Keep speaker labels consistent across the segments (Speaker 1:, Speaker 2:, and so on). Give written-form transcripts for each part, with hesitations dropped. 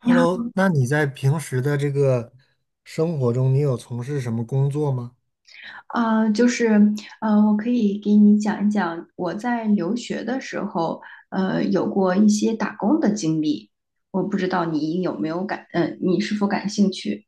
Speaker 1: 你好，
Speaker 2: Hello，那你在平时的这个生活中，你有从事什么工作吗？
Speaker 1: 就是，我可以给你讲一讲我在留学的时候，有过一些打工的经历。我不知道你有没有感，呃，你是否感兴趣？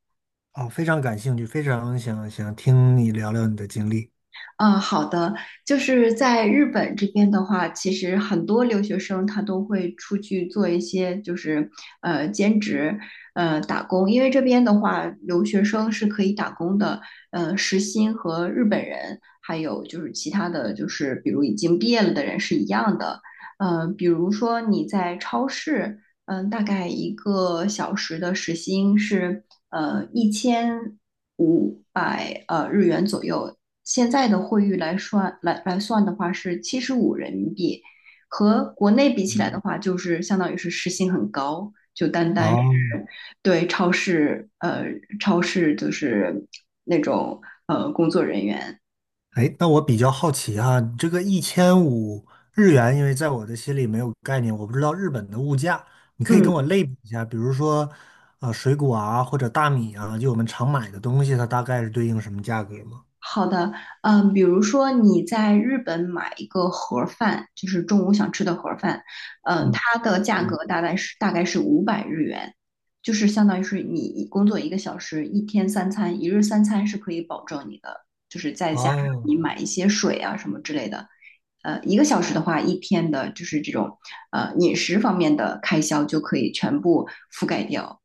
Speaker 2: 啊，非常感兴趣，非常想听你聊聊你的经历。
Speaker 1: 嗯，好的，就是在日本这边的话，其实很多留学生他都会出去做一些就是兼职，打工，因为这边的话，留学生是可以打工的，时薪和日本人还有就是其他的就是比如已经毕业了的人是一样的，比如说你在超市，大概一个小时的时薪是1500日元左右，现在的汇率来算的话是75人民币，和国内比起来的话，就是相当于是时薪很高，就单单
Speaker 2: 哦，
Speaker 1: 对超市就是那种工作人员。
Speaker 2: 哎，那我比较好奇哈，你这个1500日元，因为在我的心里没有概念，我不知道日本的物价，你可以跟我
Speaker 1: 嗯，
Speaker 2: 类比一下，比如说，水果啊，或者大米啊，就我们常买的东西，它大概是对应什么价格吗？
Speaker 1: 好的。嗯，比如说你在日本买一个盒儿饭，就是中午想吃的盒儿饭。嗯，
Speaker 2: 嗯
Speaker 1: 它的价
Speaker 2: 嗯，
Speaker 1: 格大概是500日元，就是相当于是你工作一个小时，一天三餐，一日三餐是可以保证你的，就是再加上
Speaker 2: 哦，
Speaker 1: 你买一些水啊什么之类的，一个小时的话，一天的就是这种饮食方面的开销就可以全部覆盖掉。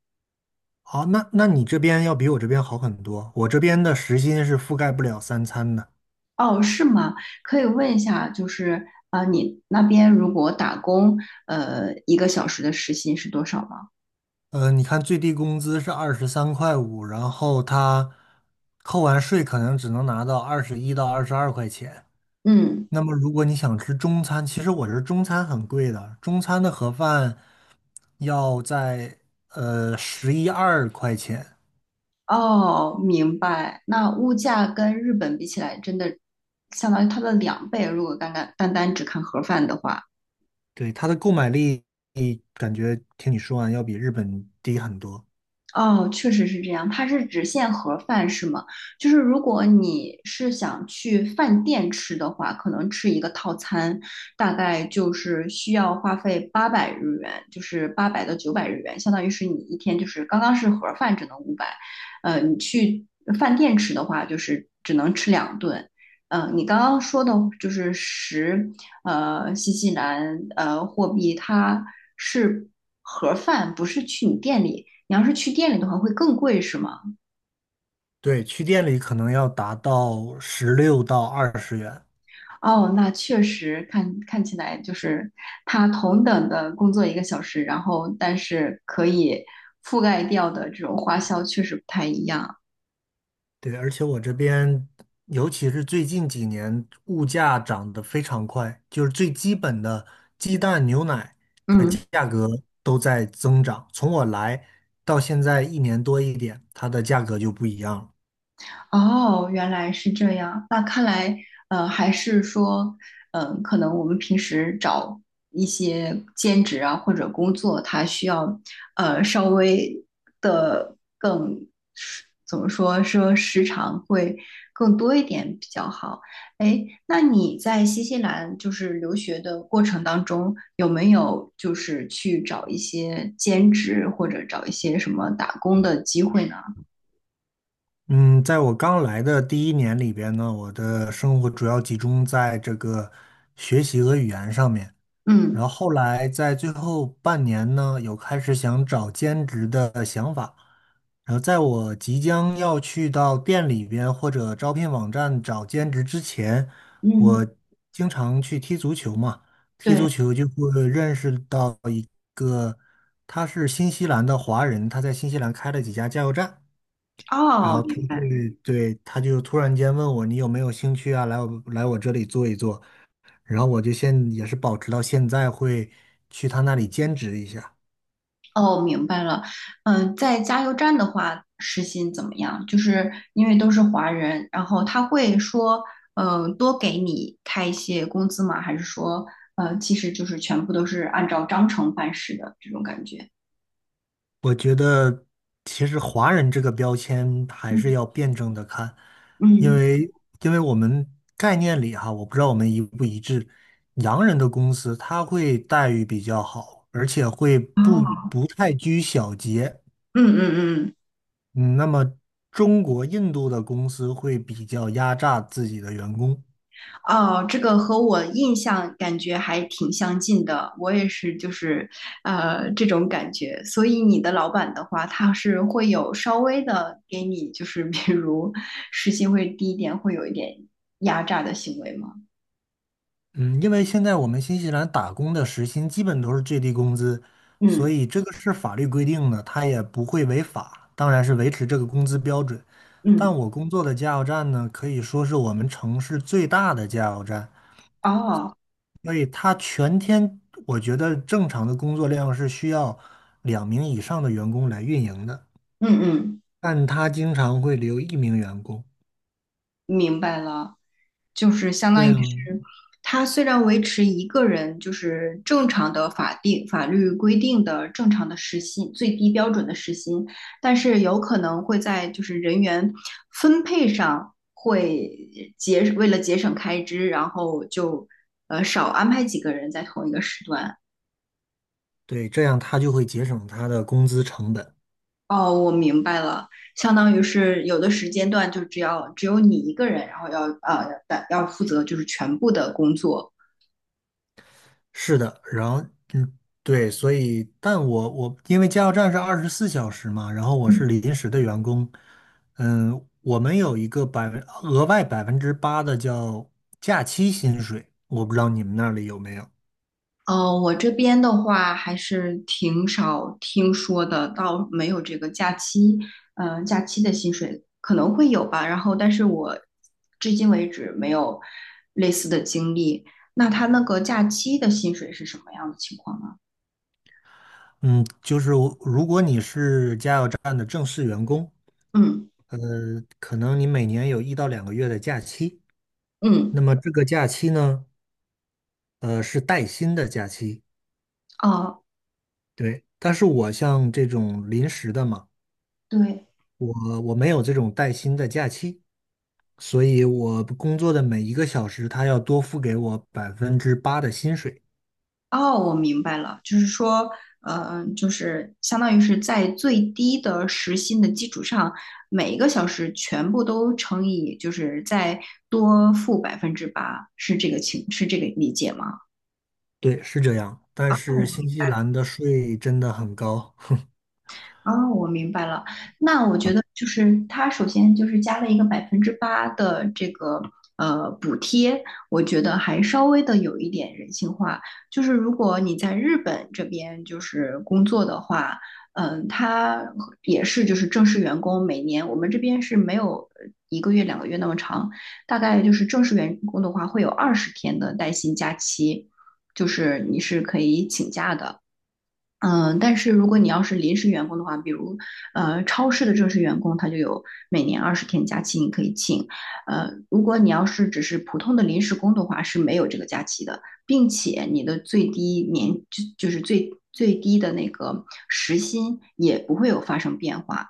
Speaker 2: 好，那你这边要比我这边好很多。我这边的时薪是覆盖不了三餐的。
Speaker 1: 哦，是吗？可以问一下，就是啊，你那边如果打工，一个小时的时薪是多少吗？
Speaker 2: 你看最低工资是23块5，然后他扣完税可能只能拿到21到22块钱。
Speaker 1: 嗯。
Speaker 2: 那么如果你想吃中餐，其实我这中餐很贵的，中餐的盒饭要在十一二块钱。
Speaker 1: 哦，明白。那物价跟日本比起来，真的相当于它的两倍。如果单单只看盒饭的话。
Speaker 2: 对，它的购买力感觉听你说完要比日本低很多。
Speaker 1: 哦，确实是这样，它是只限盒饭是吗？就是如果你是想去饭店吃的话，可能吃一个套餐，大概就是需要花费800日元，就是800到900日元，相当于是你一天就是刚刚是盒饭只能五百，你去饭店吃的话就是只能吃两顿。你刚刚说的就是十，新西兰货币它是盒饭，不是去你店里，你要是去店里的话会更贵是吗？
Speaker 2: 对，去店里可能要达到16到20元。
Speaker 1: 哦，那确实看起来就是他同等的工作一个小时，然后但是可以覆盖掉的这种花销确实不太一样。
Speaker 2: 对，而且我这边，尤其是最近几年，物价涨得非常快，就是最基本的鸡蛋、牛奶的
Speaker 1: 嗯。
Speaker 2: 价格都在增长。从我来到现在1年多一点，它的价格就不一样了。
Speaker 1: 哦，原来是这样。那看来，还是说，可能我们平时找一些兼职啊或者工作，它需要，稍微的更，怎么说，说时长会更多一点比较好。哎，那你在新西兰就是留学的过程当中，有没有就是去找一些兼职或者找一些什么打工的机会呢？
Speaker 2: 嗯，在我刚来的第一年里边呢，我的生活主要集中在这个学习和语言上面。然
Speaker 1: 嗯
Speaker 2: 后后来在最后半年呢，有开始想找兼职的想法。然后在我即将要去到店里边或者招聘网站找兼职之前，
Speaker 1: 嗯，
Speaker 2: 我经常去踢足球嘛，踢
Speaker 1: 对。
Speaker 2: 足球就会认识到一个，他是新西兰的华人，他在新西兰开了几家加油站。然
Speaker 1: 哦，
Speaker 2: 后他
Speaker 1: 明白。
Speaker 2: 对对，他就突然间问我你有没有兴趣啊，来我这里做一做，然后我就现也是保持到现在会去他那里兼职一下。
Speaker 1: 哦，明白了。嗯，在加油站的话，时薪怎么样？就是因为都是华人，然后他会说，嗯，多给你开一些工资吗？还是说，其实就是全部都是按照章程办事的这种感觉？
Speaker 2: 我觉得其实华人这个标签还是
Speaker 1: 嗯
Speaker 2: 要辩证的看，因
Speaker 1: 嗯。
Speaker 2: 为因为我们概念里哈，我不知道我们一不一致，洋人的公司他会待遇比较好，而且会不
Speaker 1: 哦。
Speaker 2: 不太拘小节。
Speaker 1: 嗯嗯。
Speaker 2: 嗯，那么中国、印度的公司会比较压榨自己的员工。
Speaker 1: 哦，这个和我印象感觉还挺相近的，我也是，就是这种感觉。所以你的老板的话，他是会有稍微的给你，就是比如时薪会低一点，会有一点压榨的行为吗？
Speaker 2: 嗯，因为现在我们新西兰打工的时薪基本都是最低工资，所
Speaker 1: 嗯
Speaker 2: 以这个是法律规定的，它也不会违法，当然是维持这个工资标准。但
Speaker 1: 嗯。
Speaker 2: 我工作的加油站呢，可以说是我们城市最大的加油站，
Speaker 1: 哦。
Speaker 2: 所以它全天我觉得正常的工作量是需要2名以上的员工来运营的，
Speaker 1: 嗯嗯，
Speaker 2: 但它经常会留一名员工，
Speaker 1: 明白了。就是相
Speaker 2: 这
Speaker 1: 当于
Speaker 2: 样。
Speaker 1: 是，他虽然维持一个人就是正常的法定法律规定的正常的时薪最低标准的时薪，但是有可能会在就是人员分配上会为了节省开支，然后就少安排几个人在同一个时段。
Speaker 2: 对，这样他就会节省他的工资成本。
Speaker 1: 哦，我明白了，相当于是有的时间段就只有你一个人，然后要负责就是全部的工作。
Speaker 2: 是的，然后嗯，对，所以，但我因为加油站是24小时嘛，然后我
Speaker 1: 嗯。
Speaker 2: 是临时的员工，嗯，我们有一个额外百分之八的叫假期薪水，我不知道你们那里有没有。
Speaker 1: 哦，我这边的话还是挺少听说的，倒没有这个假期，假期的薪水可能会有吧。然后，但是我至今为止没有类似的经历。那他那个假期的薪水是什么样的情况呢？
Speaker 2: 嗯，就是我如果你是加油站的正式员工，
Speaker 1: 嗯
Speaker 2: 呃，可能你每年有1到2个月的假期，那
Speaker 1: 嗯。
Speaker 2: 么这个假期呢，是带薪的假期。
Speaker 1: 哦，
Speaker 2: 对，但是我像这种临时的嘛，
Speaker 1: 对。
Speaker 2: 我没有这种带薪的假期，所以我工作的每一个小时，他要多付给我百分之八的薪水。
Speaker 1: 哦，我明白了，就是说，嗯，就是相当于是在最低的时薪的基础上，每一个小时全部都乘以，就是再多付百分之八，是这个情，是这个理解吗？
Speaker 2: 对，是这样。但是
Speaker 1: 哦。
Speaker 2: 新西兰的税真的很高 哼
Speaker 1: 哦，我明白了。那我觉得就是它首先就是加了一个百分之八的这个补贴，我觉得还稍微的有一点人性化。就是如果你在日本这边就是工作的话，它也是就是正式员工，每年我们这边是没有一个月2个月那么长，大概就是正式员工的话会有二十天的带薪假期，就是你是可以请假的。但是如果你要是临时员工的话，比如超市的正式员工，他就有每年二十天假期你可以请。如果你要是只是普通的临时工的话，是没有这个假期的，并且你的最低年就是最最低的那个时薪也不会有发生变化。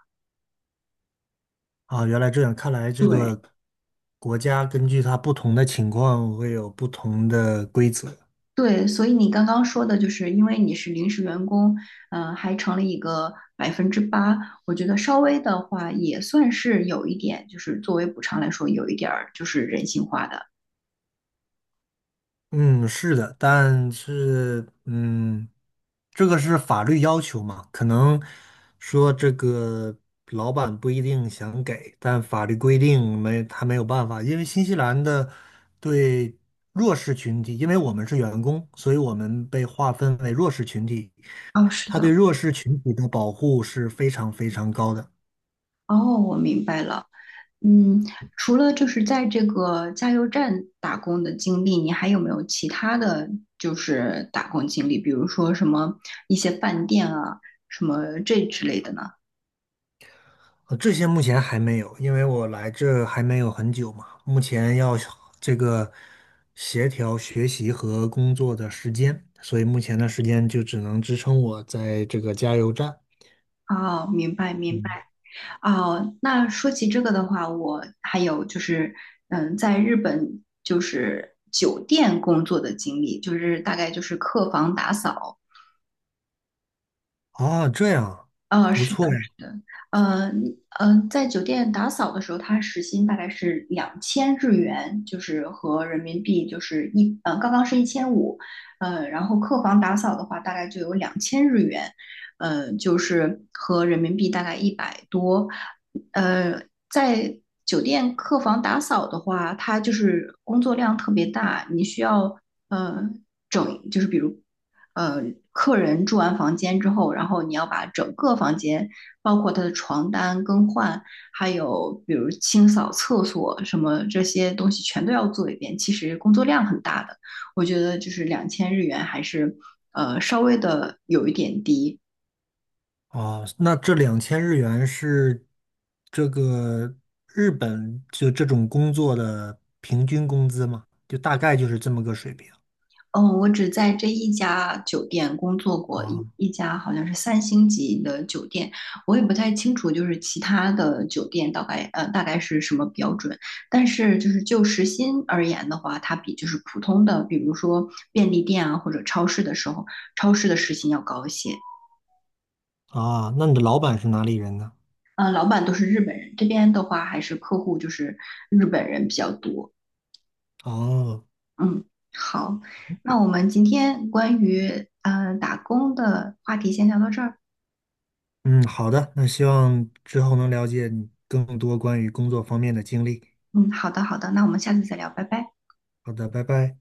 Speaker 2: 啊，原来这样，看来这
Speaker 1: 对。
Speaker 2: 个国家根据它不同的情况会有不同的规则。
Speaker 1: 对，所以你刚刚说的就是，因为你是临时员工，还成了一个百分之八，我觉得稍微的话也算是有一点，就是作为补偿来说，有一点儿就是人性化的。
Speaker 2: 嗯，是的，但是这个是法律要求嘛，可能说这个老板不一定想给，但法律规定没他没有办法，因为新西兰的对弱势群体，因为我们是员工，所以我们被划分为弱势群体，
Speaker 1: 哦，是
Speaker 2: 他对
Speaker 1: 的。
Speaker 2: 弱势群体的保护是非常非常高的。
Speaker 1: 哦，我明白了。嗯，除了就是在这个加油站打工的经历，你还有没有其他的就是打工经历？比如说什么一些饭店啊，什么这之类的呢？
Speaker 2: 这些目前还没有，因为我来这还没有很久嘛，目前要这个协调学习和工作的时间，所以目前的时间就只能支撑我在这个加油站。
Speaker 1: 哦，明白明
Speaker 2: 嗯，
Speaker 1: 白。哦，那说起这个的话，我还有就是，嗯，在日本就是酒店工作的经历，就是大概就是客房打扫。
Speaker 2: 啊，这样，
Speaker 1: 啊，
Speaker 2: 不
Speaker 1: 是
Speaker 2: 错
Speaker 1: 的，
Speaker 2: 呀。
Speaker 1: 是的。在酒店打扫的时候，他时薪大概是两千日元，就是和人民币就是嗯，刚刚是一千五。嗯，然后客房打扫的话，大概就有两千日元。嗯，就是和人民币大概100多。呃，在酒店客房打扫的话，它就是工作量特别大，你需要。呃，就是比如，呃，客人住完房间之后，然后你要把整个房间，包括他的床单更换，还有比如清扫厕所什么这些东西全都要做一遍，其实工作量很大的。我觉得就是两千日元还是稍微的有一点低。
Speaker 2: 啊，那这2000日元是这个日本就这种工作的平均工资吗？就大概就是这么个水平。
Speaker 1: 嗯，我只在这一家酒店工作过，一
Speaker 2: 啊
Speaker 1: 一家好像是3星级的酒店。我也不太清楚，就是其他的酒店大概大概是什么标准。但是就是就时薪而言的话，它比就是普通的，比如说便利店啊或者超市的时候，超市的时薪要高一些。
Speaker 2: 啊，那你的老板是哪里人呢？
Speaker 1: 老板都是日本人，这边的话还是客户就是日本人比较多。
Speaker 2: 哦、
Speaker 1: 嗯，好，那我们今天关于打工的话题先聊到这儿。
Speaker 2: 嗯，好的，那希望之后能了解你更多关于工作方面的经历。
Speaker 1: 嗯，好的，好的，那我们下次再聊，拜拜。
Speaker 2: 好的，拜拜。